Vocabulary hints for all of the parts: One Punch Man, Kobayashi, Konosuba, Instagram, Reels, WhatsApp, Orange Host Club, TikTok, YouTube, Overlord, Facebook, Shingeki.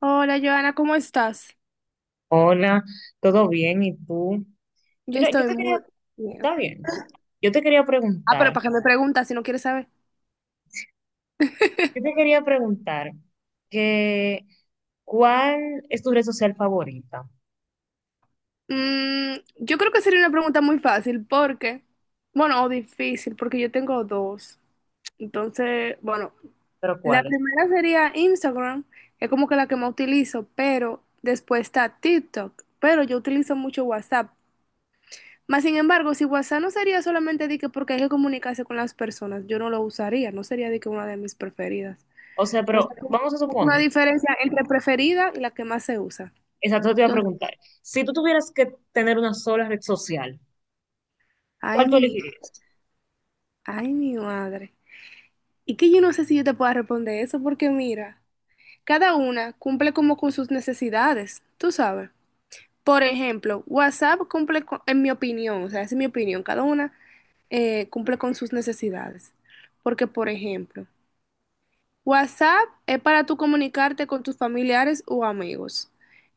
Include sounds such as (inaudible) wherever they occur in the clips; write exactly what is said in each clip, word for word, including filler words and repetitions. Hola, Joana, ¿cómo estás? Hola, ¿todo bien? ¿Y tú? Yo Mira, yo estoy te quería, muy bien. está bien, yo te quería Ah, pero preguntar, ¿para qué me preguntas si no quieres saber? yo te quería preguntar que ¿cuál es tu red social favorita? Mm, yo creo que sería una pregunta muy fácil porque, bueno, o difícil, porque yo tengo dos. Entonces, bueno, Pero la ¿cuál es? primera sería Instagram, es como que la que más utilizo, pero después está TikTok, pero yo utilizo mucho WhatsApp. Más sin embargo, si WhatsApp no sería solamente de que porque hay que comunicarse con las personas, yo no lo usaría, no sería de que una de mis preferidas. O sea, Entonces, pero como vamos a una suponer, diferencia entre preferida y la que más se usa. exacto, te iba a Entonces, preguntar, si tú tuvieras que tener una sola red social, ay, ¿cuál tú mi, elegirías? ay, mi madre. Y que yo no sé si yo te pueda responder eso, porque mira, cada una cumple como con sus necesidades, tú sabes. Por ejemplo, WhatsApp cumple con- en mi opinión, o sea, esa es mi opinión, cada una eh, cumple con sus necesidades. Porque, por ejemplo, WhatsApp es para tú comunicarte con tus familiares o amigos.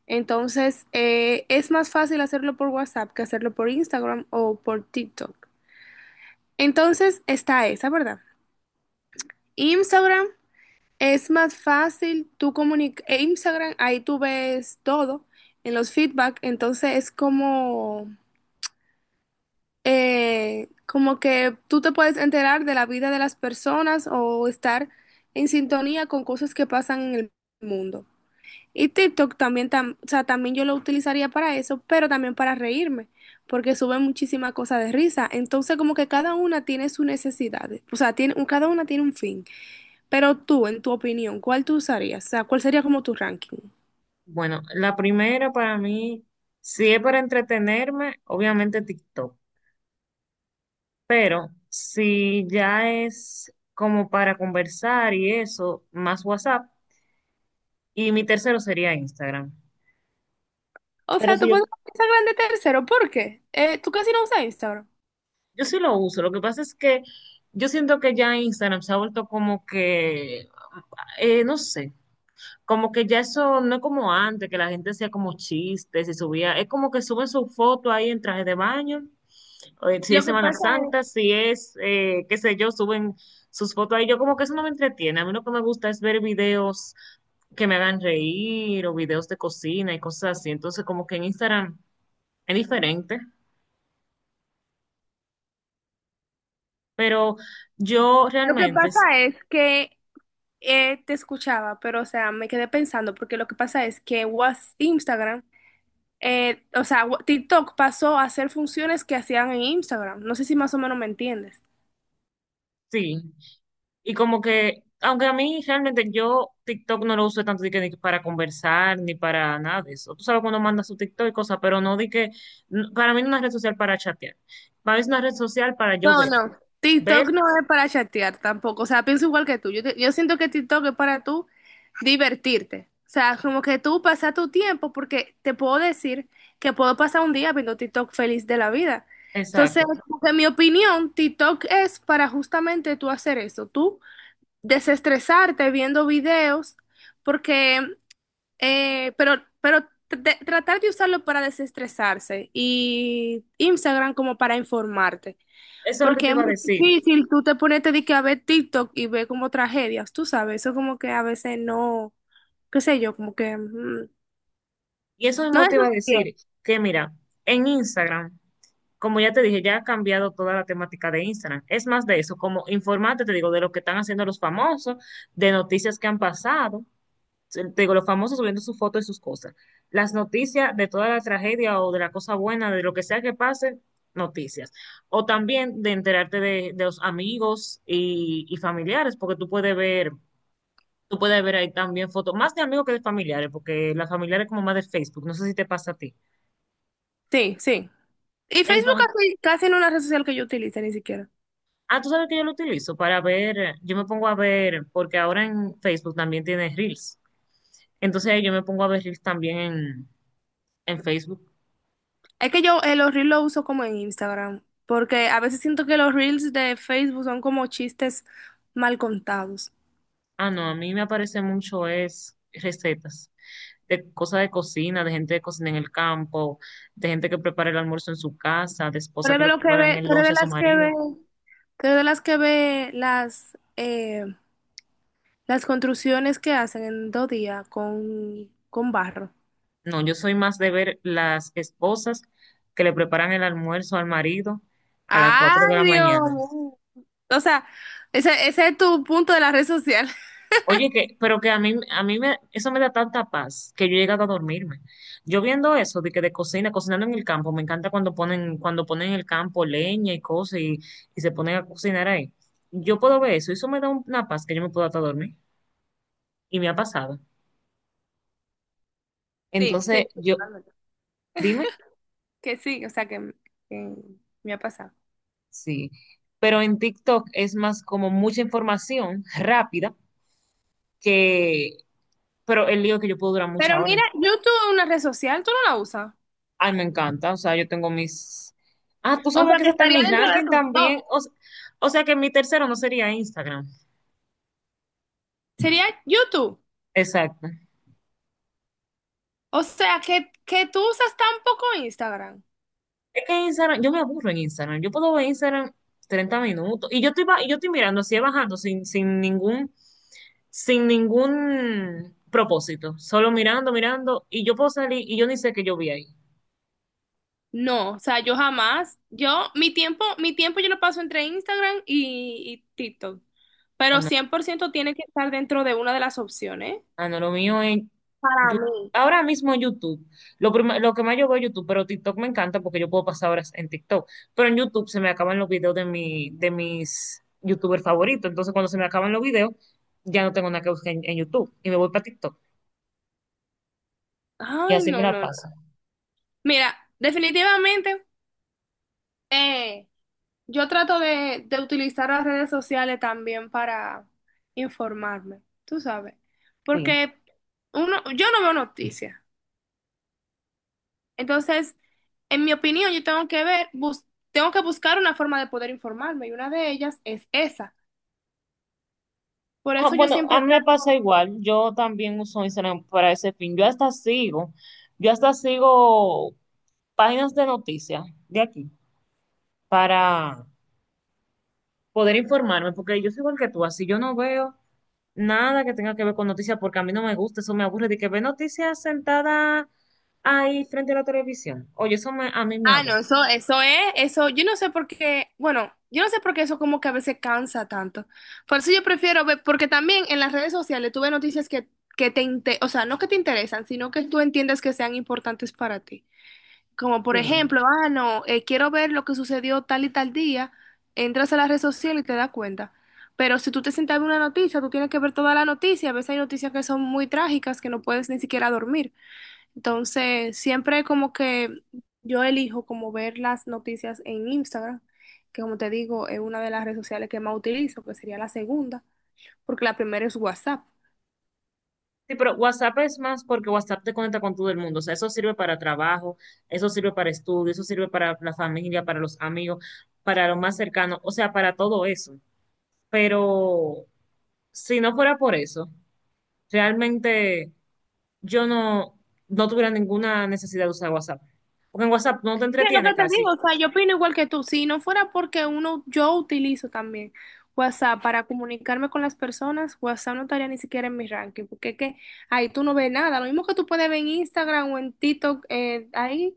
Entonces, eh, es más fácil hacerlo por WhatsApp que hacerlo por Instagram o por TikTok. Entonces, está esa, ¿verdad? Instagram es más fácil tú comunicar. Instagram, ahí tú ves todo en los feedback. Entonces, es como, eh, como que tú te puedes enterar de la vida de las personas o estar en sintonía con cosas que pasan en el mundo. Y TikTok también, tam- o sea, también yo lo utilizaría para eso, pero también para reírme, porque suben muchísimas cosas de risa. Entonces, como que cada una tiene sus necesidades, o sea, tiene, un- cada una tiene un fin. Pero tú, en tu opinión, ¿cuál tú usarías? O sea, ¿cuál sería como tu ranking? Bueno, la primera para mí, si es para entretenerme, obviamente TikTok. Pero si ya es como para conversar y eso, más WhatsApp. Y mi tercero sería Instagram. O Pero sea, si tú yo, pones Instagram de tercero, ¿por qué? Eh, tú casi no usas Instagram. yo sí lo uso. Lo que pasa es que yo siento que ya Instagram se ha vuelto como que, eh, no sé. Como que ya eso no es como antes, que la gente hacía como chistes y subía. Es como que suben su foto ahí en traje de baño. o, eh, Si es Lo que Semana pasa es, Santa, si es, eh, qué sé yo, suben sus fotos ahí. Yo como que eso no me entretiene. A mí lo que me gusta es ver videos que me hagan reír o videos de cocina y cosas así. Entonces, como que en Instagram es diferente. Pero yo Lo que realmente pasa es que eh, te escuchaba, pero o sea, me quedé pensando, porque lo que pasa es que WhatsApp, Instagram eh, o sea, wa- TikTok pasó a hacer funciones que hacían en Instagram. No sé si más o menos me entiendes. sí. Y como que, aunque a mí realmente yo TikTok no lo uso tanto de que, de que para conversar ni para nada de eso. Tú sabes cuando manda su TikTok y cosas, pero no di que, n- para mí no es una red social para chatear. Para mí es una red social para yo No, ver. no. Ver, TikTok no es para chatear tampoco. O sea, pienso igual que tú. Yo, te- yo siento que TikTok es para tú divertirte. O sea, como que tú pasas tu tiempo porque te puedo decir que puedo pasar un día viendo TikTok feliz de la vida. Entonces, exacto. como que en mi opinión, TikTok es para justamente tú hacer eso, tú desestresarte viendo videos, porque Eh, pero, pero tr- tratar de usarlo para desestresarse y Instagram como para informarte. Eso es lo que Porque te es iba a muy decir. difícil tú te ponerte de que a ver TikTok y ver como tragedias, tú sabes, eso como que a veces no, qué sé yo, como que mm, Y eso no mismo es te iba a bien. decir que, mira, en Instagram, como ya te dije, ya ha cambiado toda la temática de Instagram. Es más de eso, como informarte, te digo, de lo que están haciendo los famosos, de noticias que han pasado. Te digo, los famosos subiendo sus fotos y sus cosas. Las noticias de toda la tragedia o de la cosa buena, de lo que sea que pase, noticias. O también de enterarte de, de los amigos y, y familiares, porque tú puedes ver, tú puedes ver ahí también fotos, más de amigos que de familiares, porque las familiares como más de Facebook, no sé si te pasa a ti. Sí, sí. Y Facebook Entonces, casi, casi no es una red social que yo utilice ni siquiera. ah, tú sabes que yo lo utilizo para ver, yo me pongo a ver, porque ahora en Facebook también tienes Reels. Entonces ahí yo me pongo a ver Reels también en, en Facebook. Es que yo eh, los Reels los uso como en Instagram, porque a veces siento que los Reels de Facebook son como chistes mal contados. Ah, no, a mí me aparece mucho es recetas de cosas de cocina, de gente que cocina en el campo, de gente que prepara el almuerzo en su casa, de Tú esposas eres que de le lo que preparan ve, el tú eres lunch de a su las que marido. ve, tú eres de las que ve las eh, las construcciones que hacen en dos días con, con barro. No, yo soy más de ver las esposas que le preparan el almuerzo al marido a las Ay, cuatro de la Dios mañana. mío. O sea, ese, ese es tu punto de la red social. (laughs) Oye, que, pero que a mí, a mí me, eso me da tanta paz que yo he llegado a dormirme. Yo viendo eso de que de cocina, cocinando en el campo, me encanta cuando ponen, cuando ponen en el campo leña y cosas y, y se ponen a cocinar ahí. Yo puedo ver eso, y eso me da una paz que yo me puedo hasta dormir. Y me ha pasado. Sí, sí, Entonces, sí, yo, totalmente. dime, Que sí, o sea que, que Me ha pasado. sí. Pero en TikTok es más como mucha información rápida que, pero el lío es que yo puedo durar muchas Pero horas. mira, YouTube es una red social, tú no la usas. Ay, me encanta. O sea, yo tengo mis. Ah, tú O sabes sea que que ese está en estaría mi dentro de ranking tu top. también. O, s- o sea que mi tercero no sería Instagram. Sería YouTube. Exacto. O sea que, que tú usas tan poco Instagram. Es que Instagram, yo me aburro en Instagram. Yo puedo ver Instagram treinta minutos. Y yo estoy, ba- y yo estoy mirando así, bajando sin, sin ningún, sin ningún propósito. Solo mirando, mirando. Y yo puedo salir y yo ni sé que yo vi ahí. No, o sea, yo jamás, yo, mi tiempo, mi tiempo yo lo paso entre Instagram y, y TikTok, pero cien por ciento tiene que estar dentro de una de las opciones. Ah, no, lo mío es Para Yu- mí. ahora mismo YouTube. Lo, prim- lo que más yo veo es YouTube, pero TikTok me encanta porque yo puedo pasar horas en TikTok. Pero en YouTube se me acaban los videos de, mi, de mis YouTubers favoritos. Entonces, cuando se me acaban los videos, ya no tengo nada que buscar en, en YouTube y me voy para TikTok. Y Ay, así me no, la no, no. paso. Mira, definitivamente, eh, yo trato de, de utilizar las redes sociales también para informarme, tú sabes, Sí. porque uno, yo no veo noticias. Entonces, en mi opinión, yo tengo que ver, bus- tengo que buscar una forma de poder informarme y una de ellas es esa. Por Ah, eso yo bueno, siempre a mí me pasa trato, igual. Yo también uso Instagram para ese fin. Yo hasta sigo, yo hasta sigo páginas de noticias de aquí para poder informarme, porque yo soy igual que tú, así yo no veo nada que tenga que ver con noticias, porque a mí no me gusta, eso me aburre, de que ve noticias sentada ahí frente a la televisión. Oye, eso me- a mí me ah, no, aburre. eso, eso es, eso, yo no sé por qué, bueno, yo no sé por qué eso como que a veces cansa tanto. Por eso yo prefiero ver, porque también en las redes sociales tuve noticias que, que te, inte- o sea, no que te interesan, sino que tú entiendes que sean importantes para ti. Como por Sí. ejemplo, ah, no, eh, quiero ver lo que sucedió tal y tal día, entras a la red social y te das cuenta. Pero si tú te sientas a ver una noticia, tú tienes que ver toda la noticia. A veces hay noticias que son muy trágicas que no puedes ni siquiera dormir. Entonces, siempre como que yo elijo como ver las noticias en Instagram, que como te digo, es una de las redes sociales que más utilizo, que sería la segunda, porque la primera es WhatsApp. Sí, pero WhatsApp es más porque WhatsApp te conecta con todo el mundo. O sea, eso sirve para trabajo, eso sirve para estudio, eso sirve para la familia, para los amigos, para lo más cercano, o sea, para todo eso. Pero si no fuera por eso, realmente yo no, no tuviera ninguna necesidad de usar WhatsApp. Porque en WhatsApp no te Mira, lo entretiene que te digo, casi. o sea, yo opino igual que tú. Si no fuera porque uno, yo utilizo también WhatsApp para comunicarme con las personas, WhatsApp no estaría ni siquiera en mi ranking, porque es que ahí tú no ves nada. Lo mismo que tú puedes ver en Instagram o en TikTok, eh, ahí,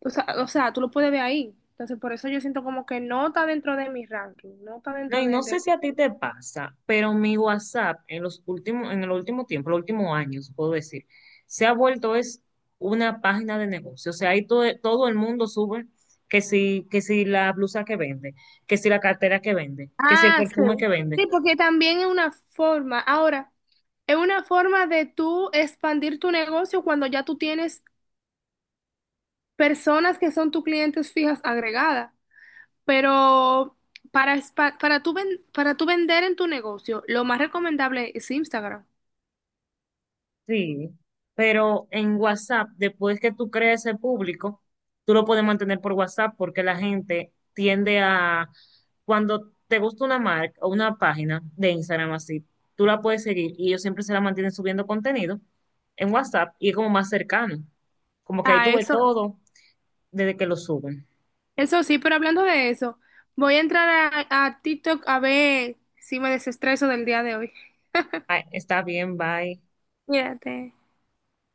o sea, o sea, tú lo puedes ver ahí. Entonces, por eso yo siento como que no está dentro de mi ranking, no está No, dentro y de, no de- sé si a ti te pasa, pero mi WhatsApp en los últimos, en el último tiempo, los últimos años, puedo decir, se ha vuelto es una página de negocio. O sea, ahí todo, todo el mundo sube que si, que si la blusa que vende, que si la cartera que vende, que si el Ah, sí. perfume que vende. Sí, porque también es una forma, ahora, es una forma de tú expandir tu negocio cuando ya tú tienes personas que son tus clientes fijas agregadas, pero para, espa- para, tú ven- para tú vender en tu negocio, lo más recomendable es Instagram. Sí, pero en WhatsApp, después que tú crees ese público, tú lo puedes mantener por WhatsApp porque la gente tiende a, cuando te gusta una marca o una página de Instagram así, tú la puedes seguir y ellos siempre se la mantienen subiendo contenido en WhatsApp y es como más cercano, como que ahí Ah, tuve eso, todo desde que lo suben. eso sí, pero hablando de eso, voy a entrar a, a TikTok a ver si me desestreso del día de hoy. Ay, está bien, bye. Cuídate.